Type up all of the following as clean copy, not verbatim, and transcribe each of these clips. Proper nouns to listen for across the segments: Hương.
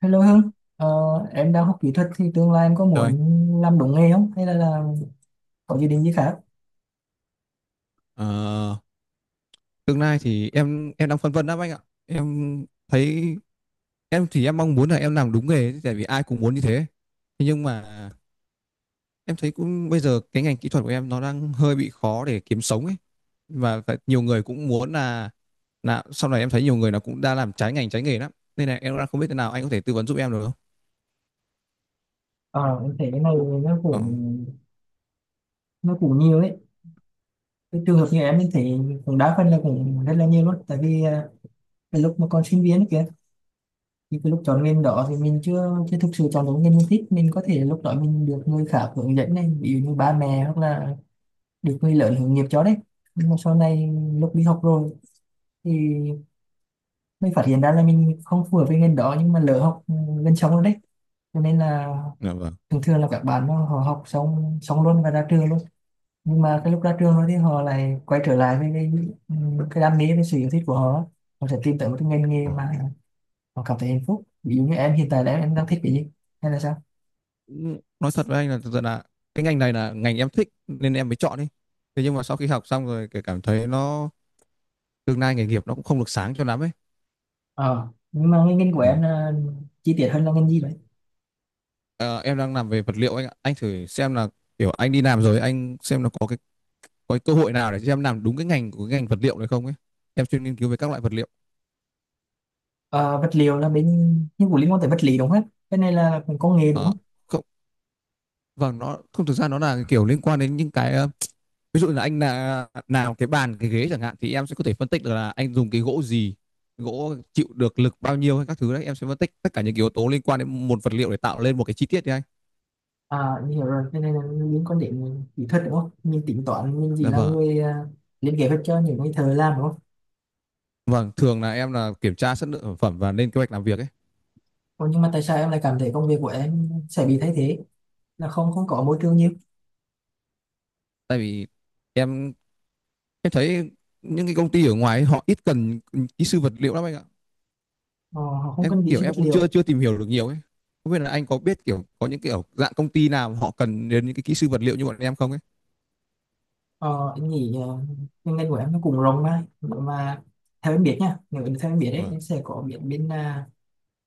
Hello Hương, ờ, em đang học kỹ thuật thì tương lai em có Rồi, muốn làm đúng nghề không? Hay là có dự định gì khác? ờ, tương lai thì em đang phân vân lắm anh ạ. Em thấy em thì em mong muốn là em làm đúng nghề ấy, tại vì ai cũng muốn như thế. Thế nhưng mà em thấy cũng bây giờ cái ngành kỹ thuật của em nó đang hơi bị khó để kiếm sống ấy. Và nhiều người cũng muốn là sau này em thấy nhiều người nó cũng đã làm trái ngành trái nghề lắm. Nên là em đang không biết thế nào, anh có thể tư vấn giúp em được không? Ờ, em thấy cái này nó Ờ, cũng nó cũng nhiều đấy. Cái trường hợp như em thấy cũng đa phần là cũng rất là nhiều luôn. Tại vì cái lúc mà còn sinh viên ấy kìa, thì cái lúc chọn ngành đó thì mình chưa chưa thực sự chọn đúng ngành mình thích. Mình có thể lúc đó mình được người khác hướng dẫn này, ví dụ như ba mẹ hoặc là được người lớn hướng nghiệp cho đấy. Nhưng mà sau này lúc đi học rồi thì mình phát hiện ra là mình không phù hợp với ngành đó nhưng mà lỡ học gần xong rồi đấy, cho nên là dạ vâng. thường thường là các bạn nó họ học xong xong luôn và ra trường luôn, nhưng mà cái lúc ra trường rồi thì họ lại quay trở lại với ừ, cái đam mê với sự yêu thích của họ. Họ sẽ tìm tới một cái ngành nghề Ờ. mà họ cảm thấy hạnh phúc. Ví dụ như em hiện tại là em đang thích cái gì hay là sao? Cũng nói thật với anh là thật sự là cái ngành này là ngành em thích nên em mới chọn đi. Thế nhưng mà sau khi học xong rồi cái cảm thấy nó tương lai nghề nghiệp nó cũng không được sáng cho lắm ấy. Ờ, nhưng mà cái ngành của Ừ. em là, chi tiết hơn, là ngành gì vậy? Ờ, em đang làm về vật liệu anh ạ. Anh thử xem là kiểu anh đi làm rồi anh xem là có cái cơ hội nào để cho em làm đúng cái ngành của cái ngành vật liệu này không ấy. Em chuyên nghiên cứu về các loại vật liệu. Ờ, Vật liệu là bên, nhưng cũng liên quan tới vật lý đúng không? Cái này là công nghệ đúng Ờ, không? không, vâng, nó không thực ra nó là kiểu liên quan đến những cái, ví dụ là anh là nào cái bàn cái ghế chẳng hạn thì em sẽ có thể phân tích được là anh dùng cái gỗ gì, gỗ chịu được lực bao nhiêu hay các thứ đấy. Em sẽ phân tích tất cả những cái yếu tố liên quan đến một vật liệu để tạo lên một cái chi tiết đấy anh. À, mình hiểu rồi, cái này là những quan điểm kỹ thuật đúng không? Mình tính toán, mình chỉ Dạ là vâng, người lên kế hoạch cho những người thợ làm đúng không? vâng, thường là em là kiểm tra chất lượng sản phẩm và lên kế hoạch làm việc ấy. Còn nhưng mà tại sao em lại cảm thấy công việc của em sẽ bị thay thế? Là không không có môi trường nhiều, Tại vì em em thấy những cái công ty ở ngoài ấy, họ ít cần kỹ sư vật liệu lắm anh ạ. ờ, họ không Em cần cũng kỹ kiểu sư em vật cũng liệu. chưa chưa tìm hiểu được nhiều ấy, không biết là anh có biết kiểu có những kiểu dạng công ty nào họ cần đến những cái kỹ sư vật liệu như bọn em không ấy. Ờ, em nghĩ cái ngành của em nó cũng rộng mà. Nếu mà theo em biết nha, nếu theo em biết đấy, Vâng. em sẽ có biết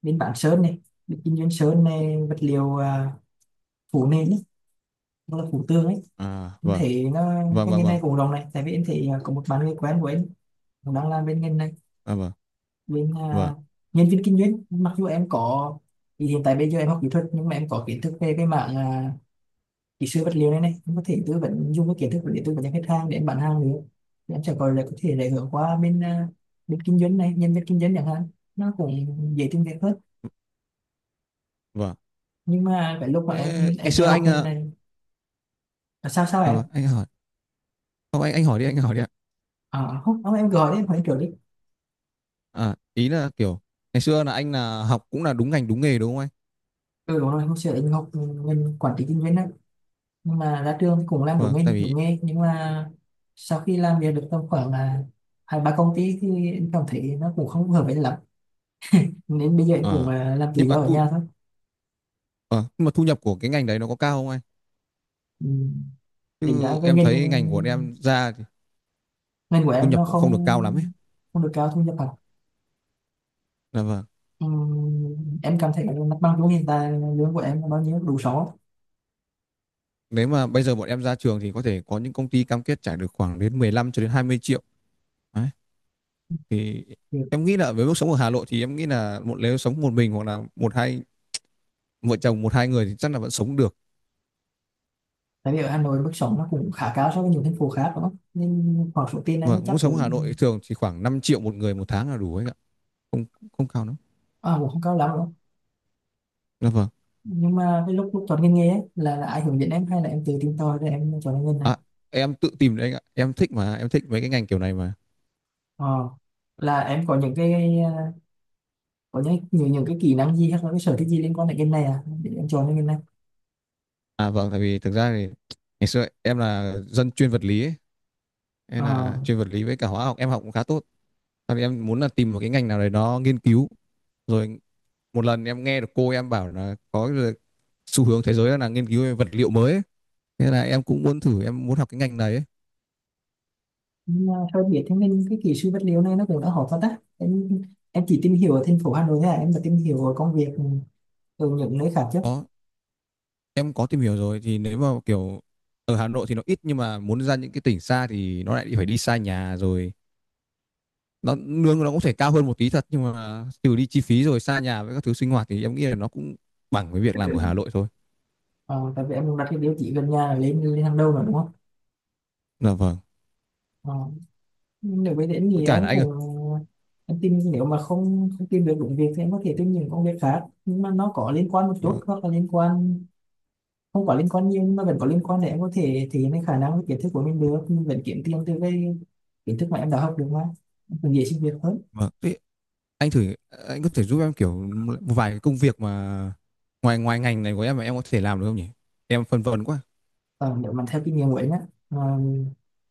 bên bản sơn này, bên kinh doanh sơn này, vật liệu, phủ nền ấy, hoặc là phủ tường ấy. À, Em vâng, thấy nó, vâng, cái vâng, ngành này vâng. cũng rộng này, tại vì em thấy à, có một bạn người quen của em cũng đang làm bên ngành này, À, vâng, bên vâng, à, nhân viên kinh doanh. Mặc dù em có, thì hiện tại bây giờ em học kỹ thuật nhưng mà em có kiến thức về cái mảng, kỹ sư vật liệu này, này em có thể tư vấn, dùng cái kiến thức để tư vấn cho khách hàng để em bán hàng nữa, thì em sẽ có lại có thể lại hướng qua bên kinh doanh này, nhân viên kinh doanh chẳng hạn, nó cũng dễ tìm việc hơn. vâng. Nhưng mà cái lúc mà em Thế ngày em theo xưa học anh, ngành này là sao sao à, em, vâng, anh hỏi. Không, anh hỏi đi, anh hỏi đi ạ. à, không, không em gọi đi, em hỏi trước đi. À, ý là kiểu ngày xưa là anh là học cũng là đúng ngành đúng nghề đúng không anh? Ừ đúng rồi, hôm xưa anh học ngành quản trị kinh doanh á, nhưng mà ra trường cũng làm đúng Vâng, nghề, tại đúng vì nghề, nhưng mà sau khi làm việc được tầm khoảng là hai ba công ty thì em cảm thấy nó cũng không hợp với lắm, nên bây giờ em cũng à, à, làm tự nhưng do mà ở thu nhà thôi. ờ, nhưng mà thu nhập của cái ngành đấy nó có cao không anh? Ừ. Tính ra Chứ cái em ngành thấy ngành của bọn em ra thì ngành của thu em nhập nó cũng không, không được cao lắm ấy. không được cao thu nhập lắm. Là vâng. Ừ. Em cảm thấy mặt bằng chung hiện tại lương của em là bao nhiêu, đủ sống không? Nếu mà bây giờ bọn em ra trường thì có thể có những công ty cam kết trả được khoảng đến 15 cho đến 20 triệu. Đấy. Thì Thì em nghĩ là với mức sống ở Hà Nội thì em nghĩ là một nếu sống một mình hoặc là một hai vợ chồng một hai người thì chắc là vẫn sống được. tại vì ở Hà Nội mức sống nó cũng khá cao so với nhiều thành phố khác đúng không, nên khoảng số tiền này Và nó chắc mức sống ở Hà Nội cũng thường chỉ khoảng 5 triệu một người một tháng là đủ ấy ạ. Không, không cao lắm. à, cũng không cao lắm đâu. Là vâng. Nhưng mà cái lúc lúc chọn ngành nghề ấy, là ai hướng dẫn em hay là em tự tìm tòi rồi em chọn ngành nghề này? À, em tự tìm đấy anh ạ. Em thích mà, em thích mấy cái ngành kiểu này mà. Ờ, là em có những cái, có những cái kỹ năng gì hay là cái sở thích gì liên quan đến ngành này à để em chọn cái ngành này? À vâng, tại vì thực ra thì ngày xưa em là dân chuyên vật lý ấy, hay Ờ, là chuyên vật lý với cả hóa học em học cũng khá tốt. Sau đấy em muốn là tìm một cái ngành nào đấy nó nghiên cứu, rồi một lần em nghe được cô em bảo là có xu hướng thế giới là nghiên cứu về vật liệu mới ấy. Thế là em cũng muốn thử em muốn học cái ngành này ấy. nhưng mà sao biết thế, nên cái kỹ sư vật liệu này nó cũng đã hỏi phát á em chỉ tìm hiểu ở thành phố Hà Nội thôi à, em đã tìm hiểu ở công việc ở những nơi khác chứ? Có, em có tìm hiểu rồi thì nếu mà kiểu ở Hà Nội thì nó ít nhưng mà muốn ra những cái tỉnh xa thì nó lại phải đi xa nhà rồi. Nó lương nó cũng thể cao hơn một tí thật nhưng mà trừ đi chi phí rồi xa nhà với các thứ sinh hoạt thì em nghĩ là nó cũng bằng với việc làm ở Hà Nội thôi. Ờ, tại vì em đặt cái tiêu chí gần nhà lên lên hàng đầu rồi đúng không? Là vâng. Ờ, nếu với đến Với thì cả là em anh ơi. cũng, em tìm nếu mà không không tìm được đúng việc thì em có thể tìm những công việc khác nhưng mà nó có liên quan một chút, Vâng. hoặc là liên quan không có liên quan nhiều nhưng mà vẫn có liên quan, để em có thể thể hiện cái khả năng với kiến thức của mình được, mình vẫn kiếm tiền từ cái kiến thức mà em đã học được mà. Em cũng dễ xin việc hơn. Vâng. anh thử anh có thể giúp em kiểu một vài cái công việc mà ngoài ngoài ngành này của em mà em có thể làm được không nhỉ? Em phân vân quá. Còn nếu mà theo kinh nghiệm của em á, mà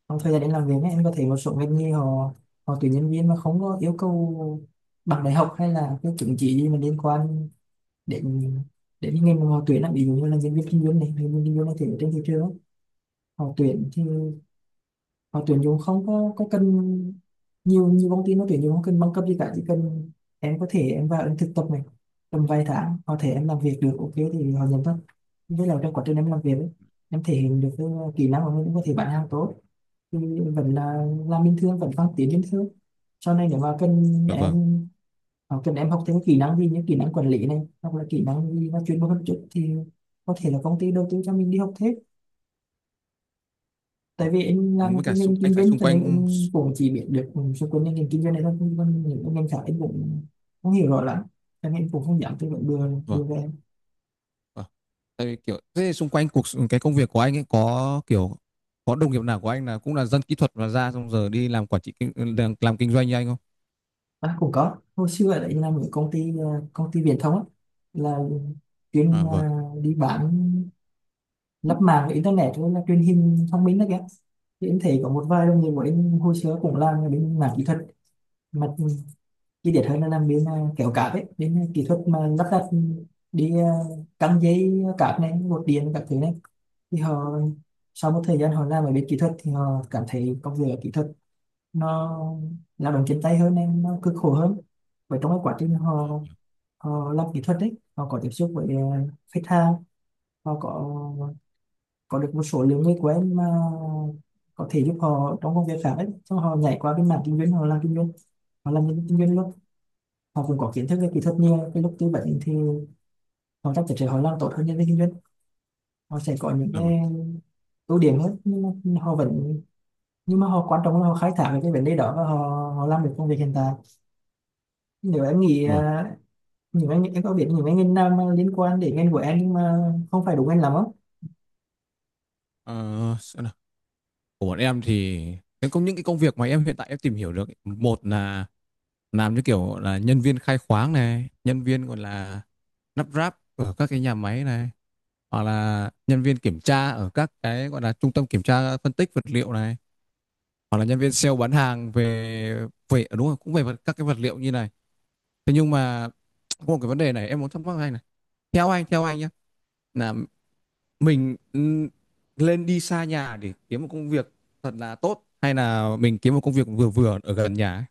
trong Đó, thời gian em làm việc á, em có thể một số ngành nghề họ, họ tuyển nhân viên mà không có yêu cầu bằng đại học hay là cái chứng chỉ gì mà liên quan, để để những ngành mà họ tuyển làm ví dụ như là diễn viên kinh doanh này hay nhân viên kinh doanh này thì ở trên thị trường á, họ tuyển thì họ tuyển dùng không có cần, nhiều nhiều công ty nó tuyển dùng không cần bằng cấp gì cả, chỉ cần em có thể em vào em thực tập này, tầm vài tháng có thể em làm việc được ok thì họ nhận thôi. Với là trong quá trình em làm việc ấy, em thể hiện được cái kỹ năng của mình, cũng có thể bán hàng tốt, thì vẫn là làm bình thường, vẫn phát triển bình thường. Sau này nếu mà cần dạ vâng. em, cần em học thêm kỹ năng gì như kỹ năng quản lý này hoặc là kỹ năng gì nó chuyên môn hơn chút thì có thể là công ty đầu tư cho mình đi học thêm. Tại Vâng. vì em làm Với cái cả ngành anh kinh thấy doanh xung cho nên quanh, em cũng chỉ biết được xung quanh cái ngành kinh doanh này thôi, còn những cái ngành khác em cũng không hiểu rõ lắm, cho nên em cũng không dám tư vấn đưa đưa vâng, về em. vâng, tại vì kiểu thế xung quanh cái công việc của anh ấy kiểu có đồng nghiệp nào của anh là cũng là dân kỹ thuật và ra xong giờ đi làm làm kinh doanh như anh không? À, cũng có hồi xưa đấy, làm ở công ty công ty viễn thông á, là À chuyên vâng. đi bán lắp mạng internet với là truyền hình thông minh đó kìa. Thì em thấy có một vài đồng nghiệp của em hồi xưa cũng làm ở bên mảng kỹ thuật, mặt chi tiết hơn là làm bên kéo cáp ấy, bên kỹ thuật mà lắp đặt đi căng dây cáp này, cột điện các thứ này. Thì họ sau một thời gian họ làm ở bên kỹ thuật thì họ cảm thấy công việc ở kỹ thuật nó lao động chân tay hơn nên nó cực khổ hơn. Và trong cái quá trình họ, họ làm kỹ thuật đấy họ có tiếp xúc với khách hàng, họ có được một số lượng người quen mà có thể giúp họ trong công việc khác ấy, xong họ nhảy qua bên mảng kinh doanh, họ làm kinh doanh, họ làm nhân viên kinh doanh luôn. Họ cũng có kiến thức về kỹ thuật, nhiều cái lúc tư vấn thì họ chắc chắn sẽ họ làm tốt hơn nhân viên kinh doanh, họ sẽ có những Dạ vâng, cái ưu điểm hơn, nhưng mà họ vẫn, nhưng mà họ quan trọng là họ khai thác được cái vấn đề đó và họ, họ làm được công việc hiện tại. Nếu em nghĩ vâng. Những anh em có biết những anh ngành nào mà liên quan đến ngành của em nhưng mà không phải đúng anh làm không? Ờ, xem nào, của bọn em thì những cái công việc mà em hiện tại em tìm hiểu được ấy, một là làm như kiểu là nhân viên khai khoáng này, nhân viên gọi là lắp ráp ở các cái nhà máy này, hoặc là nhân viên kiểm tra ở các cái gọi là trung tâm kiểm tra phân tích vật liệu này, hoặc là nhân viên sale bán hàng về về đúng rồi, cũng về các cái vật liệu như này. Thế nhưng mà có một cái vấn đề này em muốn thắc mắc anh này, theo anh, nhé, là mình, lên đi xa nhà để kiếm một công việc thật là tốt hay là mình kiếm một công việc vừa vừa ở gần nhà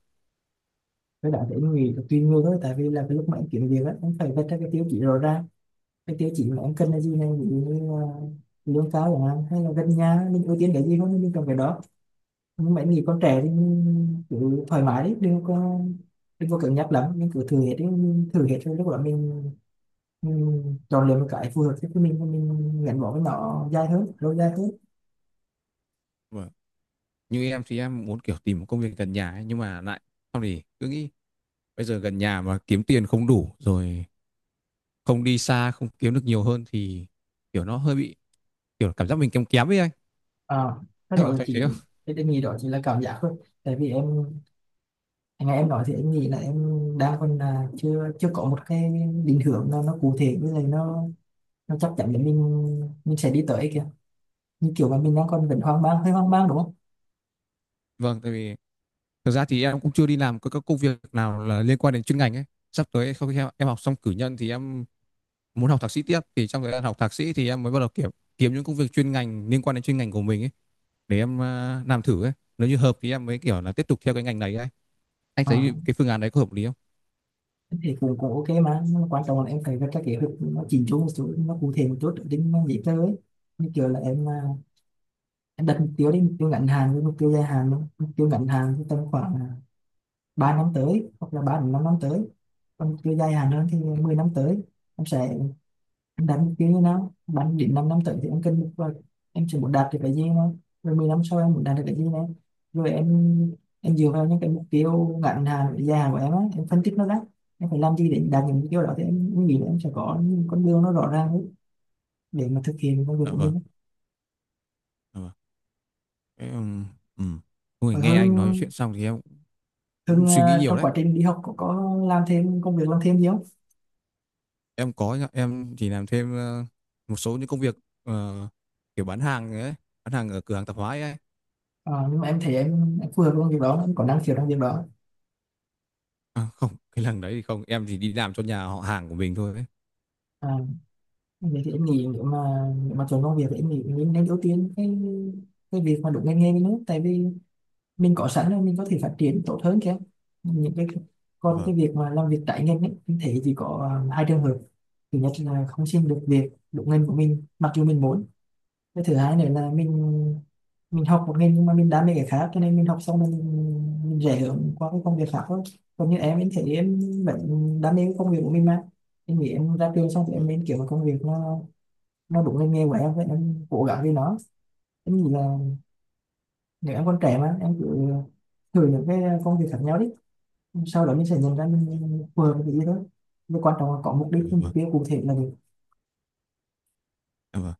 Cái đó thì em nghĩ là tùy người thôi, tại vì là cái lúc mà em kiếm việc á em phải vạch ra cái tiêu chí rõ ràng, cái tiêu chí mà em cần là gì này, ví dụ như là lương cao chẳng hạn hay là gần nhà, mình ưu tiên cái gì hơn mình cần cái đó. Mấy người con trẻ thì cứ thoải mái đi, đừng có, đừng có cứng nhắc lắm, mình cứ thử hết đi, mình thử hết rồi lúc đó mình chọn lựa một cái phù hợp với mình và mình gắn bó với nó dài hơn, lâu dài hơn. ấy? Như em thì em muốn kiểu tìm một công việc gần nhà ấy, nhưng mà lại xong thì cứ nghĩ bây giờ gần nhà mà kiếm tiền không đủ rồi, không đi xa không kiếm được nhiều hơn thì kiểu nó hơi bị kiểu cảm giác mình kém kém ấy anh. À, cái Anh đó có là thấy thế chỉ, không? cái em nghĩ đó chỉ là cảm giác thôi, tại vì em, nghe em nói thì em nghĩ là em đang còn là chưa chưa có một cái định hướng nó cụ thể, với lại nó chắc chắn để mình sẽ đi tới kìa, như kiểu mà mình đang còn vẫn hoang mang, hơi hoang mang đúng không? Vâng, tại vì thực ra thì em cũng chưa đi làm các công việc nào là liên quan đến chuyên ngành ấy. Sắp tới sau khi em học xong cử nhân thì em muốn học thạc sĩ tiếp, thì trong thời gian học thạc sĩ thì em mới bắt đầu kiểu kiếm những công việc chuyên ngành liên quan đến chuyên ngành của mình ấy để em làm thử ấy. Nếu như hợp thì em mới kiểu là tiếp tục theo cái ngành này ấy. Anh thấy À, cái phương án đấy có hợp lý không? thì cũng cũng ok mà. Nhưng quan trọng là em phải có cái kế hoạch nó chỉnh chu một chút, nó cụ thể một chút đến tính nó dễ tới, như kiểu là em em đặt mục tiêu đi, mục tiêu ngắn hạn với mục tiêu dài hạn luôn. Mục tiêu ngắn hạn thì tầm khoảng 3 năm tới hoặc là 3 đến 5 năm tới, còn mục tiêu dài hạn hơn thì 10 năm tới. Em sẽ, em đánh cái nó đánh đến năm năm tới thì em cân nhắc rồi, em chỉ muốn đạt được cái gì mà, rồi 10 năm sau em muốn đạt được cái gì nữa, rồi em dựa vào những cái mục tiêu ngắn hạn và dài hạn của em á, em phân tích nó ra em phải làm gì để đạt những mục tiêu đó, thì em nghĩ là em sẽ có những con đường nó rõ ràng ấy, để mà thực hiện công việc Dạ của vâng, mình. dạ vâng. em um, ừm. Ôi, Rồi nghe anh nói Hưng, chuyện xong thì em cũng Hưng suy nghĩ à, nhiều trong đấy. quá trình đi học có làm thêm công việc làm thêm gì không? Em có nhá, em chỉ làm thêm một số những công việc, ờ, kiểu bán hàng ấy, bán hàng ở cửa hàng tạp hóa ấy. Ờ, nhưng mà em thấy em phù hợp với công việc đó, em có năng khiếu trong việc đó. À, không, cái lần đấy thì không, em chỉ đi làm cho nhà họ hàng của mình thôi ấy. À, vậy thì em nghĩ nếu mà, nếu mà chọn công việc thì em nghĩ mình nên ưu tiên cái việc mà đúng ngành nghề với nước, tại vì mình có sẵn rồi, mình có thể phát triển tốt hơn kìa. Những cái, còn cái Vâng, việc mà làm việc trái ngành ấy, em thấy chỉ có hai trường hợp. Thứ nhất là không xin được việc đúng ngành của mình mặc dù mình muốn. Cái thứ hai nữa là mình học một ngành nhưng mà mình đam mê cái khác, cho nên mình học xong mình rẽ hướng qua cái công việc khác thôi. Còn như em thấy em vẫn đam mê cái công việc của mình mà. Em nghĩ em ra trường xong thì em vâng, nên kiếm một công việc nó đụng lên nghe của em với em cố gắng với nó. Em nghĩ là nếu em còn trẻ mà em cứ thử những cái công việc khác nhau đi, sau đó mình sẽ nhận ra mình phù hợp với cái gì thôi. Nhưng quan trọng là có mục đích, ừ, cái mục vâng, tiêu cụ thể là được. dạ vâng.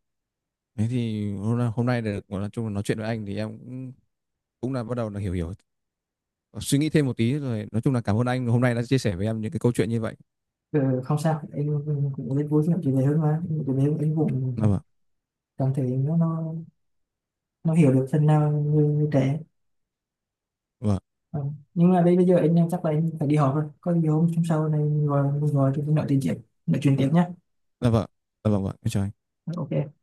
Thế thì hôm nay được nói chung là nói chuyện với anh thì em cũng cũng là bắt đầu là hiểu hiểu suy nghĩ thêm một tí rồi nói chung là cảm ơn anh hôm nay đã chia sẻ với em những cái câu chuyện như vậy. Ừ, không sao em, cũng rất vui khi nói chuyện này hơn mà. Em chuyện này em cũng Dạ vâng, cảm thấy nó nó hiểu được phần nào người trẻ. vâng, Ừ. Nhưng mà đây bây giờ anh chắc là em phải đi họp rồi, có gì hôm hôm sau này mình gọi, mình gọi thì mình nói tiền chuyện tiếp, nói chuyện tiếp nhé. dạ vâng, dạ vâng, vâng. Em chào anh. Ok.